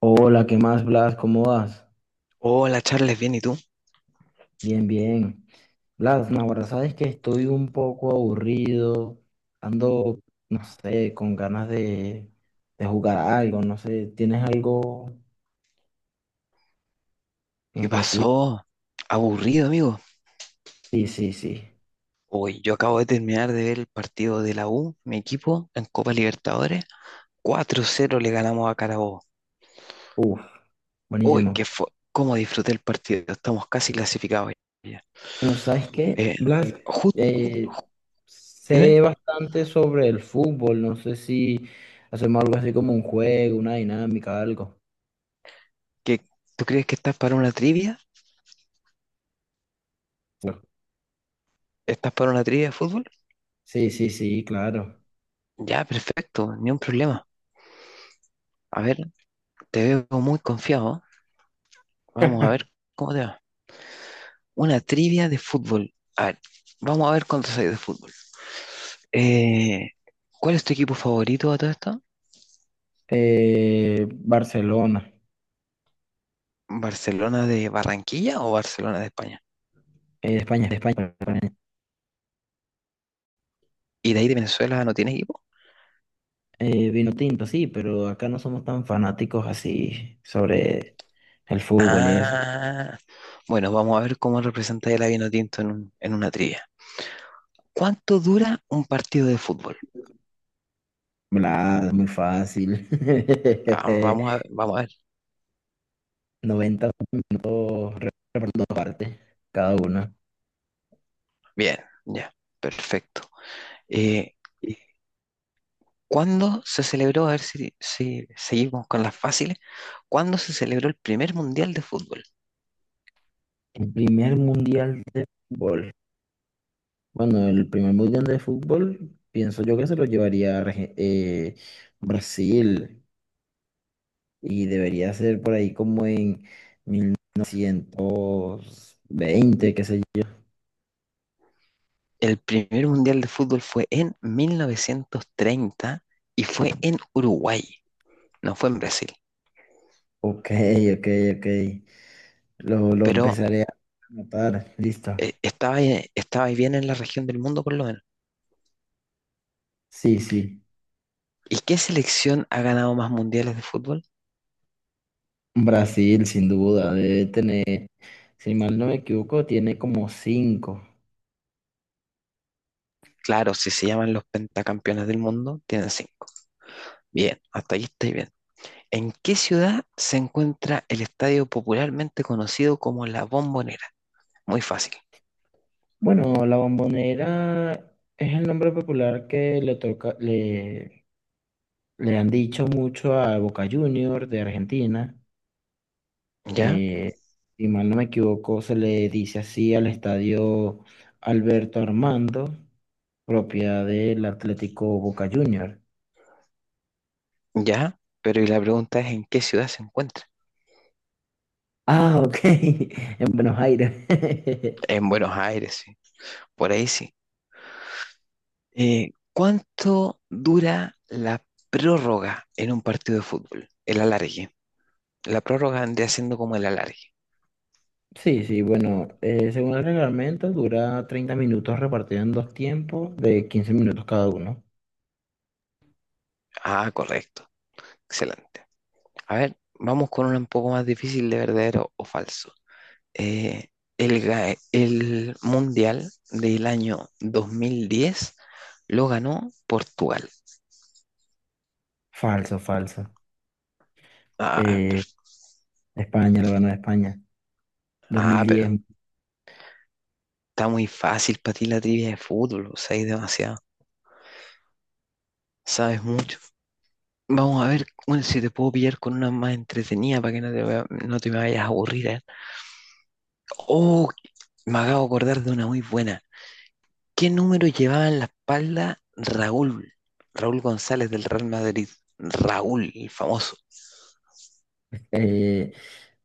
Hola, ¿qué más, Blas? ¿Cómo vas? Hola Charles, bien, ¿y tú? Bien, bien. Blas, no, ahora sabes que estoy un poco aburrido, ando, no sé, con ganas de jugar algo, no sé, ¿tienes algo en ¿Qué específico? pasó? Aburrido, amigo. Sí, sí, sí. Hoy yo acabo de terminar de ver el partido de la U, mi equipo, en Copa Libertadores. 4-0 le ganamos a Carabobo. Uf, Uy, buenísimo. qué fue. ¿Cómo disfruté el partido? Estamos casi clasificados ya. Bueno, ¿sabes qué, Eh, Blas? justo, Eh, dime, sé bastante sobre el fútbol, no sé si hacemos algo así como un juego, una dinámica, algo. ¿que tú crees que estás para una trivia? ¿Estás para una trivia de fútbol? Sí, sí, sí, claro. Ya, perfecto, ni un problema. A ver, te veo muy confiado. Vamos a ver cómo te va. Una trivia de fútbol. A ver, vamos a ver cuánto sabes de fútbol. Eh, ¿Cuál es tu equipo favorito a todo esto? Barcelona, ¿Barcelona de Barranquilla o Barcelona de España? De España, perdón. ¿Y de ahí de Venezuela no tiene equipo? Vino tinto, sí, pero acá no somos tan fanáticos así sobre el fútbol y eso. Ah, bueno, vamos a ver cómo representa el vino en, en una trivia. ¿Cuánto dura un partido de fútbol? Bla, muy fácil. Ah, vamos a ver. 90 puntos redondos aparte, cada uno. Bien, ya, perfecto. Eh, ¿Cuándo se celebró? A ver si seguimos con las fáciles. ¿Cuándo se celebró el primer mundial de fútbol? El primer mundial de fútbol. Bueno, el primer mundial de fútbol, pienso yo que se lo llevaría Brasil y debería ser por ahí como en 120 qué sé yo. El primer mundial de fútbol fue en 1930 y fue en Uruguay, no fue en Brasil, Ok, ok, ok. Lo pero empezaré a notar. Listo. Estaba ahí bien en la región del mundo por lo menos. Sí, sí. ¿Y qué selección ha ganado más mundiales de fútbol? Brasil, sin duda, debe tener, si mal no me equivoco, tiene como cinco. Claro, si se llaman los pentacampeones del mundo, tienen cinco. Bien, hasta ahí estáis bien. ¿En qué ciudad se encuentra el estadio popularmente conocido como La Bombonera? Muy fácil. Bueno, la Bombonera es el nombre popular que le toca, le han dicho mucho a Boca Juniors de Argentina. ¿Ya? eh, si mal no me equivoco, se le dice así al estadio Alberto Armando, propiedad del Atlético Boca Juniors. ¿Ya? Pero y la pregunta es, ¿en qué ciudad se encuentra? Ah, ok, en Buenos Aires. En Buenos Aires, sí. Por ahí sí. ¿Cuánto dura la prórroga en un partido de fútbol? El alargue. La prórroga vendría siendo como el alargue. Sí, sí, bueno, según el reglamento dura 30 minutos repartido en dos tiempos de 15 minutos cada uno. Ah, correcto. Excelente. A ver, vamos con una un poco más difícil de verdadero o falso. Eh, el Mundial del año 2010 lo ganó Portugal. Falso, falso. Ah, pero, Eh, España, lo ganó España. ah, pero 2010. está muy fácil para ti la trivia de fútbol, o sea, hay demasiado. Sabes mucho. Vamos a ver bueno, si te puedo pillar con una más entretenida para que no te me vayas a aburrir, ¿eh? Oh, me acabo de acordar de una muy buena. ¿Qué número llevaba en la espalda Raúl? Raúl González del Real Madrid. Raúl, el famoso. eh,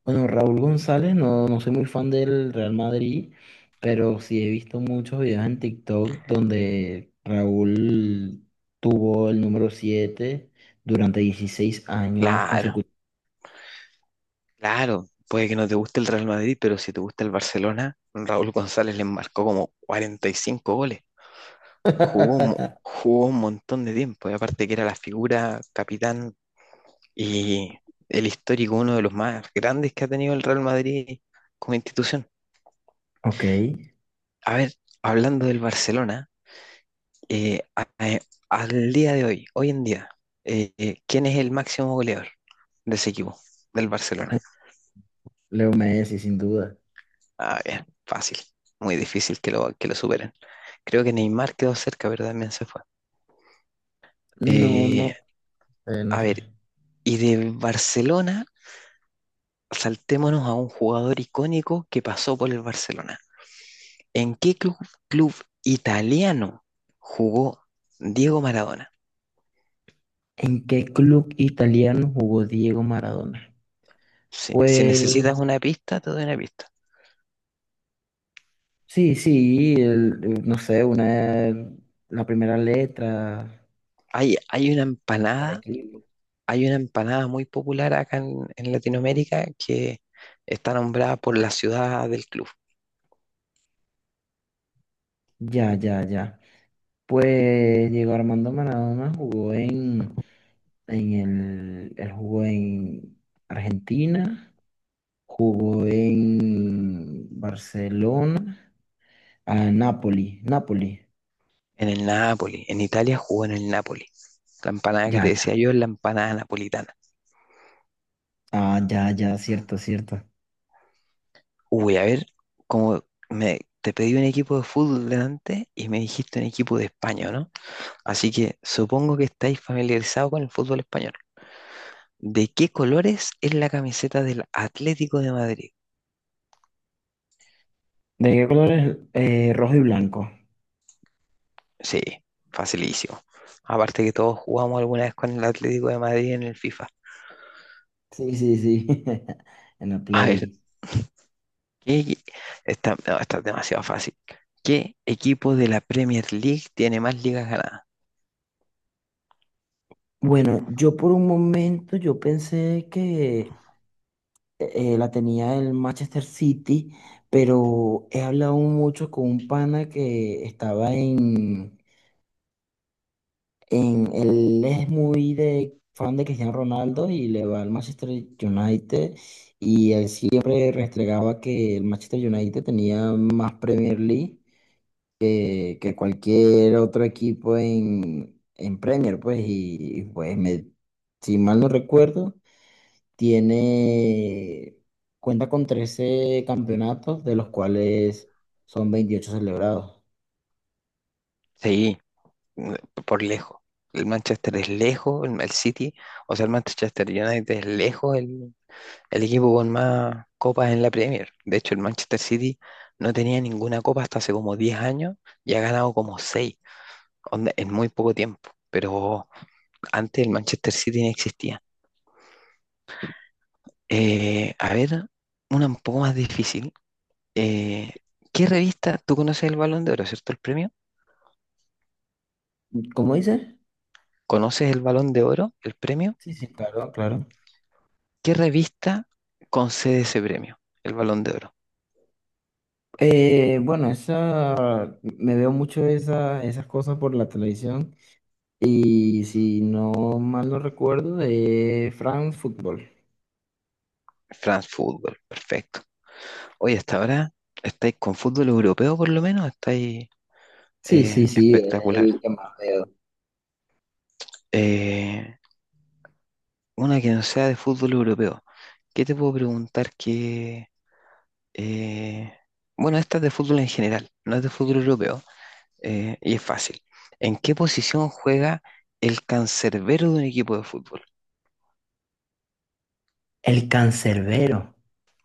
Bueno, Raúl González, no, no soy muy fan del Real Madrid, pero sí he visto muchos videos en TikTok donde Raúl tuvo el número 7 durante 16 años Claro, consecutivos. claro. Puede que no te guste el Real Madrid, pero si te gusta el Barcelona, Raúl González le marcó como 45 goles. Jugó, un mo- jugó un montón de tiempo. Y aparte que era la figura capitán y el histórico, uno de los más grandes que ha tenido el Real Madrid como institución. Ok, A ver, hablando del Barcelona, eh, a- eh, al día de hoy, hoy en día, ¿quién es el máximo goleador de ese equipo, del Barcelona? Leo Messi, sin duda. Ah, bien, fácil, muy difícil que que lo superen. Creo que Neymar quedó cerca, pero también se fue. No, Eh, no, no a sé. ver, y de Barcelona, saltémonos a un jugador icónico que pasó por el Barcelona. ¿En qué club italiano jugó Diego Maradona? ¿En qué club italiano jugó Diego Maradona? Si necesitas Pues una pista, te doy una pista. sí, sí, no sé, una, la primera letra Hay una del empanada equipo. hay una empanada muy popular acá en Latinoamérica que está nombrada por la ciudad del club, Ya, ya, ya. Pues Diego Armando Maradona jugó en él jugó en Argentina, jugó en Barcelona, a Napoli, Napoli, en el Napoli. En Italia jugó en el Napoli. La empanada que ya, te ya, decía yo es la empanada napolitana. ah, ya, ya, cierto, cierto. Uy, a ver, como te pedí un equipo de fútbol delante y me dijiste un equipo de España, ¿o no? Así que supongo que estáis familiarizados con el fútbol español. ¿De qué colores es la camiseta del Atlético de Madrid? ¿De qué color es? Rojo y blanco. Sí, facilísimo. Aparte que todos jugamos alguna vez con el Atlético de Madrid en el FIFA. Sí, sí, sí, en la A ver, Play. ¿qué equi- esta, no, esta es demasiado fácil. ¿Qué equipo de la Premier League tiene más ligas ganadas? Bueno, yo por un momento yo pensé que la tenía el Manchester City, pero he hablado mucho con un pana que estaba él es muy de fan de Cristiano Ronaldo y le va al Manchester United y él siempre restregaba que el Manchester United tenía más Premier League que cualquier otro equipo en Premier, pues, pues me, si mal no recuerdo. Tiene, cuenta con 13 campeonatos, de los cuales son 28 celebrados. Sí, mm, por lejos. El Manchester es lejos, el City, o sea, el Manchester United es lejos, el equipo con más copas en la Premier. De hecho, el Manchester City no tenía ninguna copa hasta hace como 10 años y ha ganado como 6, en muy poco tiempo. Pero antes el Manchester City no existía. A ver, una un poco más difícil. Eh, ¿Qué revista? Tú conoces el Balón de Oro, ¿cierto? El premio. ¿Cómo dice? ¿Conoces el Balón de Oro, el premio? Sí, sí, claro, claro. ¿Qué revista concede ese premio? El Balón de Oro. Bueno, me veo mucho esas cosas por la televisión y si no mal no recuerdo, de France Football. France Football, perfecto. Oye, hasta ahora estáis con fútbol europeo por lo menos, estáis Sí, sí, sí, el, espectacular. el que más veo. Eh, una que no sea de fútbol europeo. ¿Qué te puedo preguntar que... eh, bueno, esta es de fútbol en general, no es de fútbol europeo, y es fácil. ¿En qué posición juega el cancerbero de un equipo de fútbol? El cancerbero.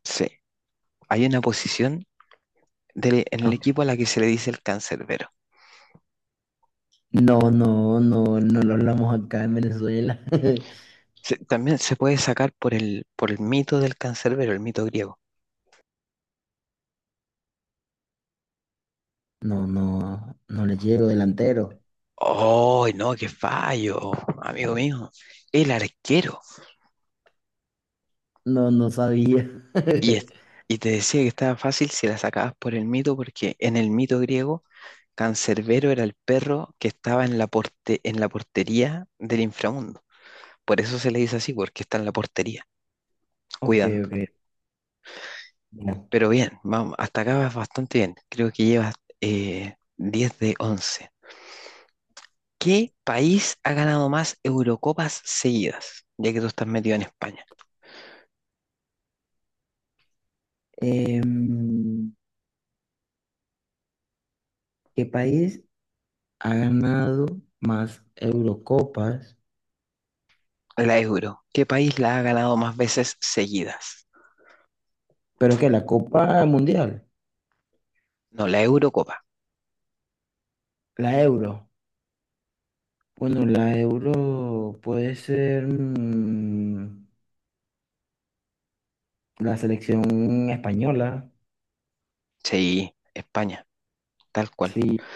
Sí, hay una posición en el Ok. equipo a la que se le dice el cancerbero. No, no, no, no lo hablamos acá en Venezuela. También se puede sacar por por el mito del cancerbero, el mito griego. No, no, no le llego delantero. ¡Oh, no, qué fallo, amigo mío! El arquero. No, no sabía. Y, es- y te decía que estaba fácil si la sacabas por el mito, porque en el mito griego, Cancerbero era el perro que estaba en en la portería del inframundo. Por eso se le dice así, porque está en la portería, Ok, cuidando. ok. Mira. Pero bien, vamos, hasta acá vas bastante bien. Creo que llevas 10 de once. ¿Qué país ha ganado más Eurocopas seguidas? Ya que tú estás metido en España. Em, ¿qué país ha ganado más Eurocopas? La Euro. ¿Qué país la ha ganado más veces seguidas? Pero que la Copa Mundial, No, la Eurocopa. la Euro. Bueno, la Euro puede ser la selección española. Sí, España, tal cual. Sí,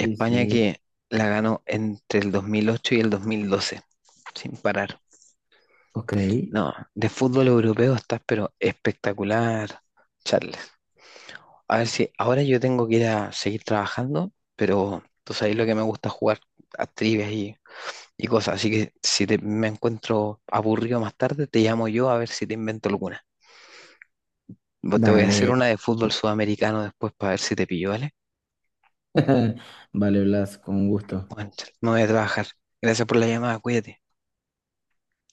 sí, sí. que la ganó entre el 2008 y el 2012, sin parar. Ok, No, de fútbol europeo estás, pero espectacular, Charles. A ver si ahora yo tengo que ir a seguir trabajando, pero tú sabes lo que me gusta jugar a trivias y cosas. Así que si me encuentro aburrido más tarde, te llamo yo a ver si te invento alguna. Vos Te voy a dale. hacer una de fútbol sudamericano después para ver si te pillo, ¿vale? Vale, Blas, con gusto. Bueno, Charles, me voy a trabajar. Gracias por la llamada, cuídate.